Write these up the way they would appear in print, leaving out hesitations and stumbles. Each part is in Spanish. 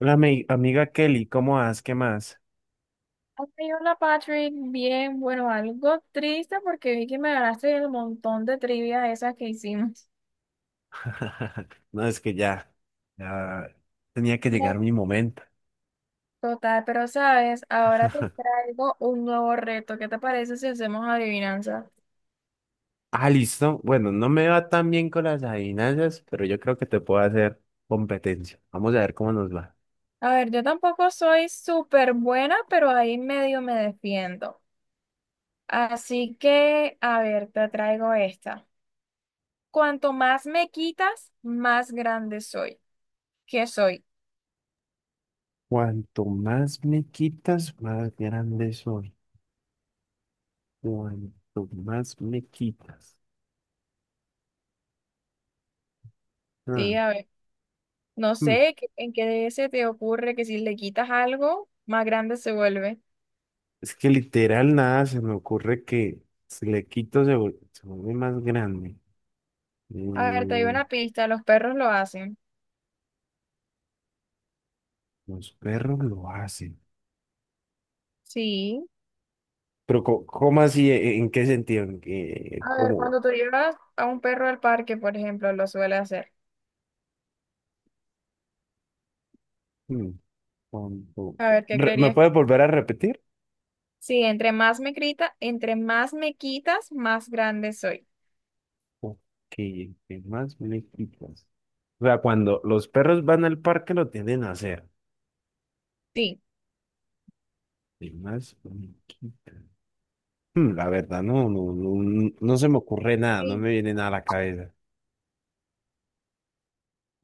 Hola, amiga Kelly, ¿cómo vas? ¿Qué más? Ay, hola Patrick, bien, bueno, algo triste porque vi que me ganaste el montón de trivia esas que hicimos. No, es que ya, ya tenía que llegar No. mi momento. Total, pero sabes, ahora te traigo un nuevo reto. ¿Qué te parece si hacemos adivinanza? Ah, listo. Bueno, no me va tan bien con las adivinanzas, pero yo creo que te puedo hacer competencia. Vamos a ver cómo nos va. A ver, yo tampoco soy súper buena, pero ahí medio me defiendo. Así que, a ver, te traigo esta. Cuanto más me quitas, más grande soy. ¿Qué soy? Cuanto más me quitas, más grande soy. Cuanto más me quitas. Ah, Sí, a ver. No hmm. sé qué- ¿En qué se te ocurre que si le quitas algo, más grande se vuelve? Es que literal nada se me ocurre que si le quito, se vuelve más grande. A ver, te doy Mm, una pista, los perros lo hacen. los perros lo hacen. Sí. Pero, ¿cómo así? ¿En qué sentido? A ver, ¿Cómo? cuando tú llevas a un perro al parque, por ejemplo, lo suele hacer. Mm, con- A ver, ¿qué ¿Me creerías? puedes volver a repetir? Sí, entre más me grita, entre más me quitas, más grande soy. Ok, ¿qué más me quitas? O sea, cuando los perros van al parque lo tienden a hacer. Sí. ¿Qué más me quitas? La verdad, no se me ocurre nada, no Sí. me viene nada a la cabeza.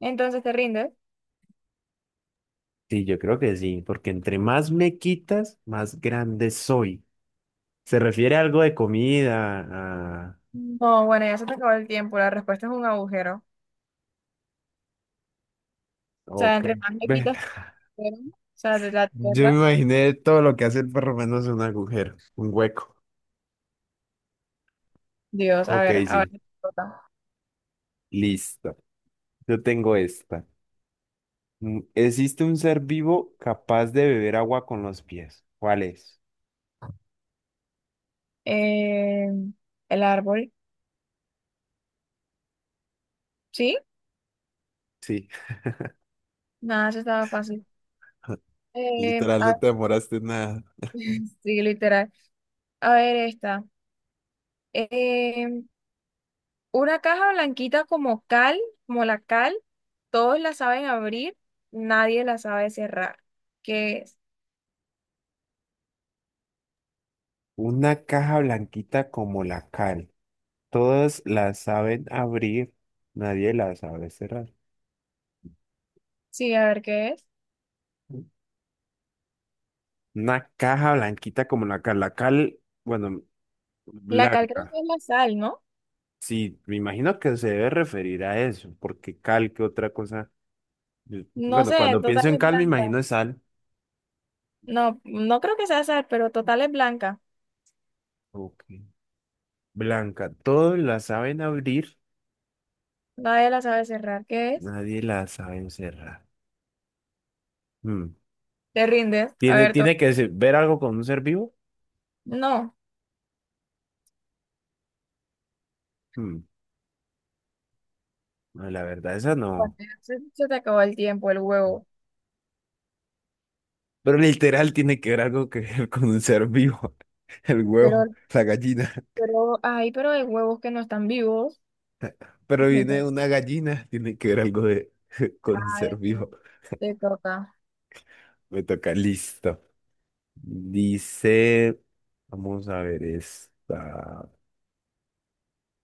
Entonces, ¿te rindes? Sí, yo creo que sí, porque entre más me quitas, más grande soy. ¿Se refiere a algo de comida? A... No, bueno, ya se te acabó el tiempo. La respuesta es un agujero. O sea, Ok. entre más me Ve, quitas, tu agujero, o sea, de la yo me tierra. imaginé todo lo que hace el perro menos un agujero, un hueco. Dios, a Ok, ver, ahora sí, te toca. listo. Yo tengo esta. ¿Existe un ser vivo capaz de beber agua con los pies? ¿Cuál es? Eh, el árbol, ¿sí? Sí, Nada, eso estaba fácil. Eh, literal, a- no te demoraste nada. sí, literal. A ver, esta. Eh, una caja blanquita como cal, como la cal, todos la saben abrir, nadie la sabe cerrar. ¿Qué es? Una caja blanquita como la cal. Todas la saben abrir, nadie la sabe cerrar. Sí, a ver, ¿qué es? Una caja blanquita como la cal. La cal, bueno, La cal creo que blanca. es la sal, ¿no? Sí, me imagino que se debe referir a eso, porque cal, ¿qué otra cosa? Yo... No Bueno, sé, cuando total pienso en es cal, me blanca. imagino sal. No, no creo que sea sal, pero total es blanca. Ok. Blanca, todos la saben abrir, Nadie la sabe cerrar. ¿Qué es? nadie la sabe cerrar. Mm. ¿Te rindes? ¿Tiene, tiene que se- ver algo con un ser vivo? No. Mm. No, la verdad, esa Bueno, no. se te acabó el tiempo, el huevo. Pero literal tiene que ver algo que ver con un ser vivo. El huevo, Pero, la gallina. pero, ay, pero hay huevos que no están vivos. Pero viene Entonces, una gallina, tiene que ver algo de, con un ay, ser vivo. te toca. Me toca, listo. Dice, vamos a ver esta.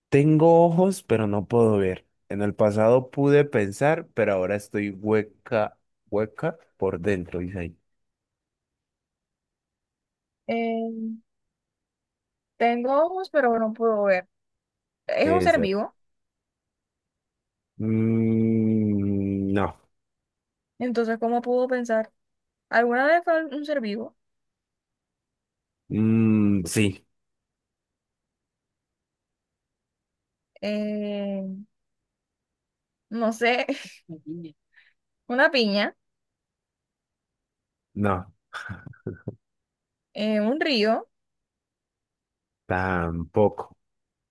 Tengo ojos, pero no puedo ver. En el pasado pude pensar, pero ahora estoy hueca, hueca por dentro, dice ahí. Eh, Tengo ojos, pero no puedo ver. Es un ser Esa. vivo. Mm, no. Entonces, ¿cómo puedo pensar? ¿Alguna vez fue un ser vivo? Mm, sí, Eh, no sé. Una piña, no, un río, tampoco.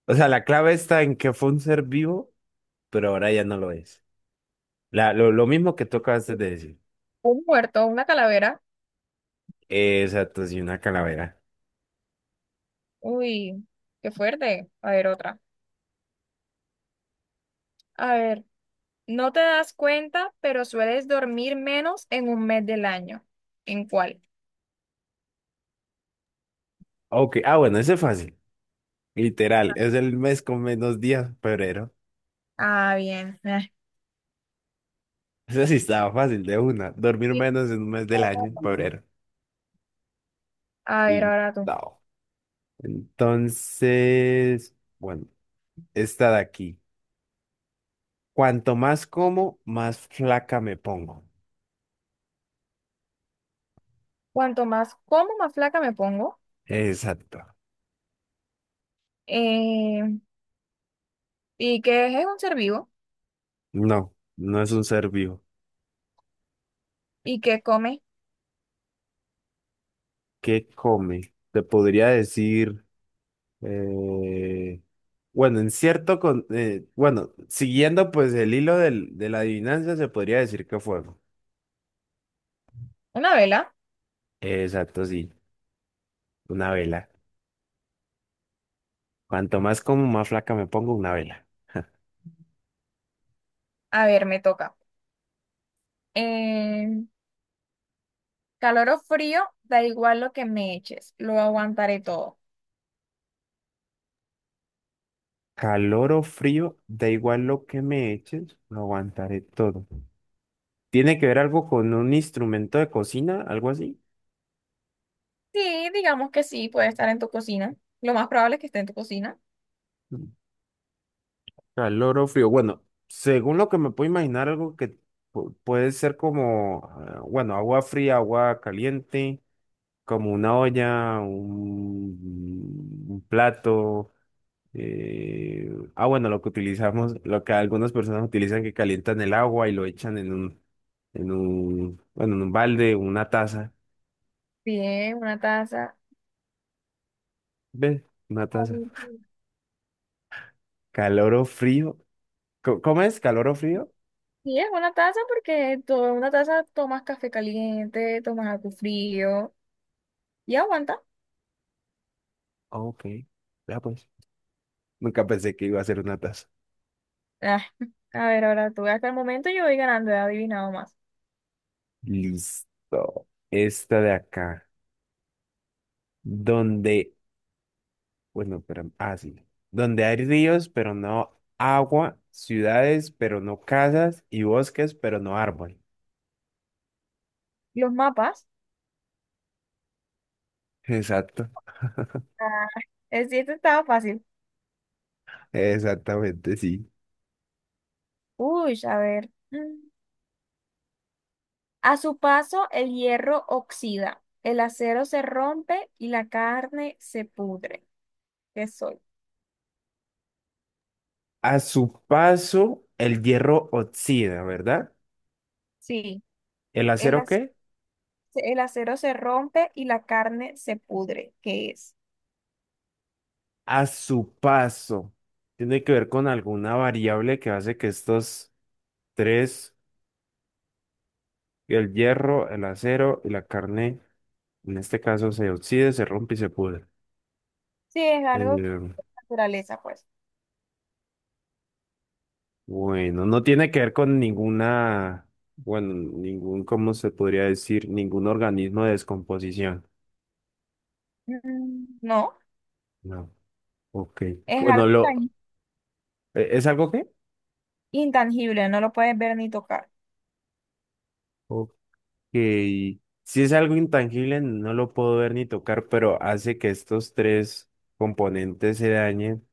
O sea, la clave está en que fue un ser vivo, pero ahora ya no lo es. Lo mismo que tú acabaste de decir. un muerto, una calavera. Exacto, sí, una calavera. Uy, qué fuerte. A ver, otra. A ver. No te das cuenta, pero sueles dormir menos en un mes del año. ¿En cuál? Ok, ah, bueno, ese es fácil. Literal, es el mes con menos días, febrero. Ah, bien. Eso sí estaba fácil de una. Dormir Sí, menos en un mes del año, claro. febrero. A ver, Y ahora tú. no. Entonces, bueno, esta de aquí. Cuanto más como, más flaca me pongo. Cuanto más como, más flaca me pongo. Exacto. Eh, ¿Y qué es un ser vivo? No, no es un ser vivo. ¿Y qué come? ¿Qué come? Te podría decir, eh, bueno, en cierto, bueno, siguiendo pues el hilo de la adivinanza, se podría decir que fuego. Una vela. Exacto, sí. Una vela. Cuanto más como, más flaca me pongo una vela. A ver, me toca. Eh, Calor o frío, da igual lo que me eches, lo aguantaré todo. Calor o frío, da igual lo que me eches, lo aguantaré todo. ¿Tiene que ver algo con un instrumento de cocina, algo así? Sí, digamos que sí, puede estar en tu cocina. Lo más probable es que esté en tu cocina. Mm. Calor o frío. Bueno, según lo que me puedo imaginar, algo que puede ser como, ah, bueno, agua fría, agua caliente, como una olla, un plato. Eh, bueno, lo que utilizamos, lo que algunas personas utilizan que calientan el agua y lo echan en bueno, en un balde, una taza. Bien, una taza. ¿Ves? Una taza. Calor o frío. ¿Cómo es? ¿Calor o frío? Sí, es una taza porque una taza tomas café caliente, tomas algo frío y aguanta. Ah, ok. Ya pues. Nunca pensé que iba a ser una taza. Ah, a ver, ahora tú, hasta el momento yo voy ganando, he adivinado más. Listo. Esta de acá. Donde, bueno, pero, ah, sí. Donde hay ríos, pero no agua, ciudades, pero no casas, y bosques, pero no árbol. Los mapas. Exacto. Ah, es, sí, este estaba fácil. Exactamente, sí. Uy, a ver. Mm. A su paso, el hierro oxida, el acero se rompe y la carne se pudre. ¿Qué soy? A su paso, el hierro oxida, ¿verdad? Sí, ¿El el, acero ac- qué? el acero se rompe y la carne se pudre. ¿Qué es? A su paso. Tiene que ver con alguna variable que hace que estos tres, el hierro, el acero y la carne, en este caso, se oxide, se rompe y se pudre. Sí, es algo Eh, de naturaleza, pues. bueno, no tiene que ver con ninguna, bueno, ningún, ¿cómo se podría decir? Ningún organismo de descomposición. Mm, no, No. Ok. es Bueno, algo tan es algo qué? intangible, no lo puedes ver ni tocar. Que si es algo intangible, no lo puedo ver ni tocar, pero hace que estos tres componentes se dañen.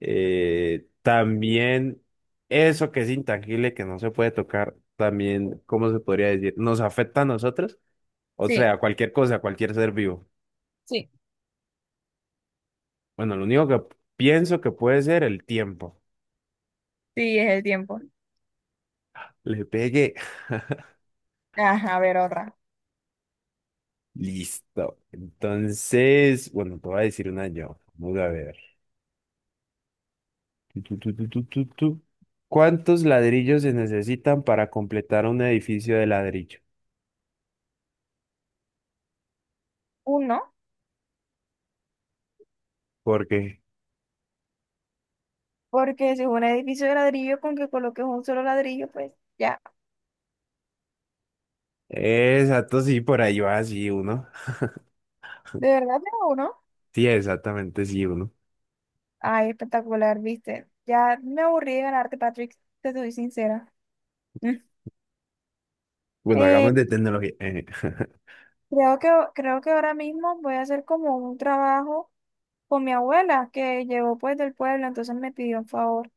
También eso que es intangible, que no se puede tocar, también, ¿cómo se podría decir? Nos afecta a nosotros, o Sí, sea, cualquier cosa, cualquier ser vivo. sí, Bueno, lo único que pienso que puede ser el tiempo. sí, es el tiempo. Le pegué. Ajá, a ver otra. Listo. Entonces, bueno, te voy a decir una yo. Vamos a ver. Tu, tu, tu, tu, tu, tu, tu. ¿Cuántos ladrillos se necesitan para completar un edificio de ladrillo? Uno, Porque, porque si es un edificio de ladrillo, con que coloques un solo ladrillo, pues ya. exacto, sí, por ahí va, sí, uno. ¿De verdad tengo uno? Sí, exactamente, sí, uno. Ay, espectacular, viste. Ya me aburrí de ganarte, Patrick, te soy sincera. Mm. Bueno, Eh, hagamos de tecnología. Eh. creo que, creo que ahora mismo voy a hacer como un trabajo con mi abuela, que llegó pues del pueblo, entonces me pidió un favor.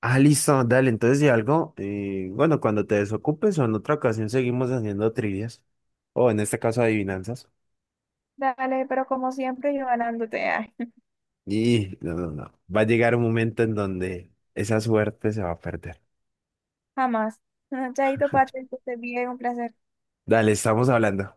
Ah, listo, dale, entonces si algo, bueno, cuando te desocupes o en otra ocasión seguimos haciendo trivias, o en este caso adivinanzas. Dale, pero como siempre yo ganándote. Ay. Y no, va a llegar un momento en donde esa suerte se va a perder. Jamás. Chaito, Patrick, que estés bien, un placer. Dale, estamos hablando.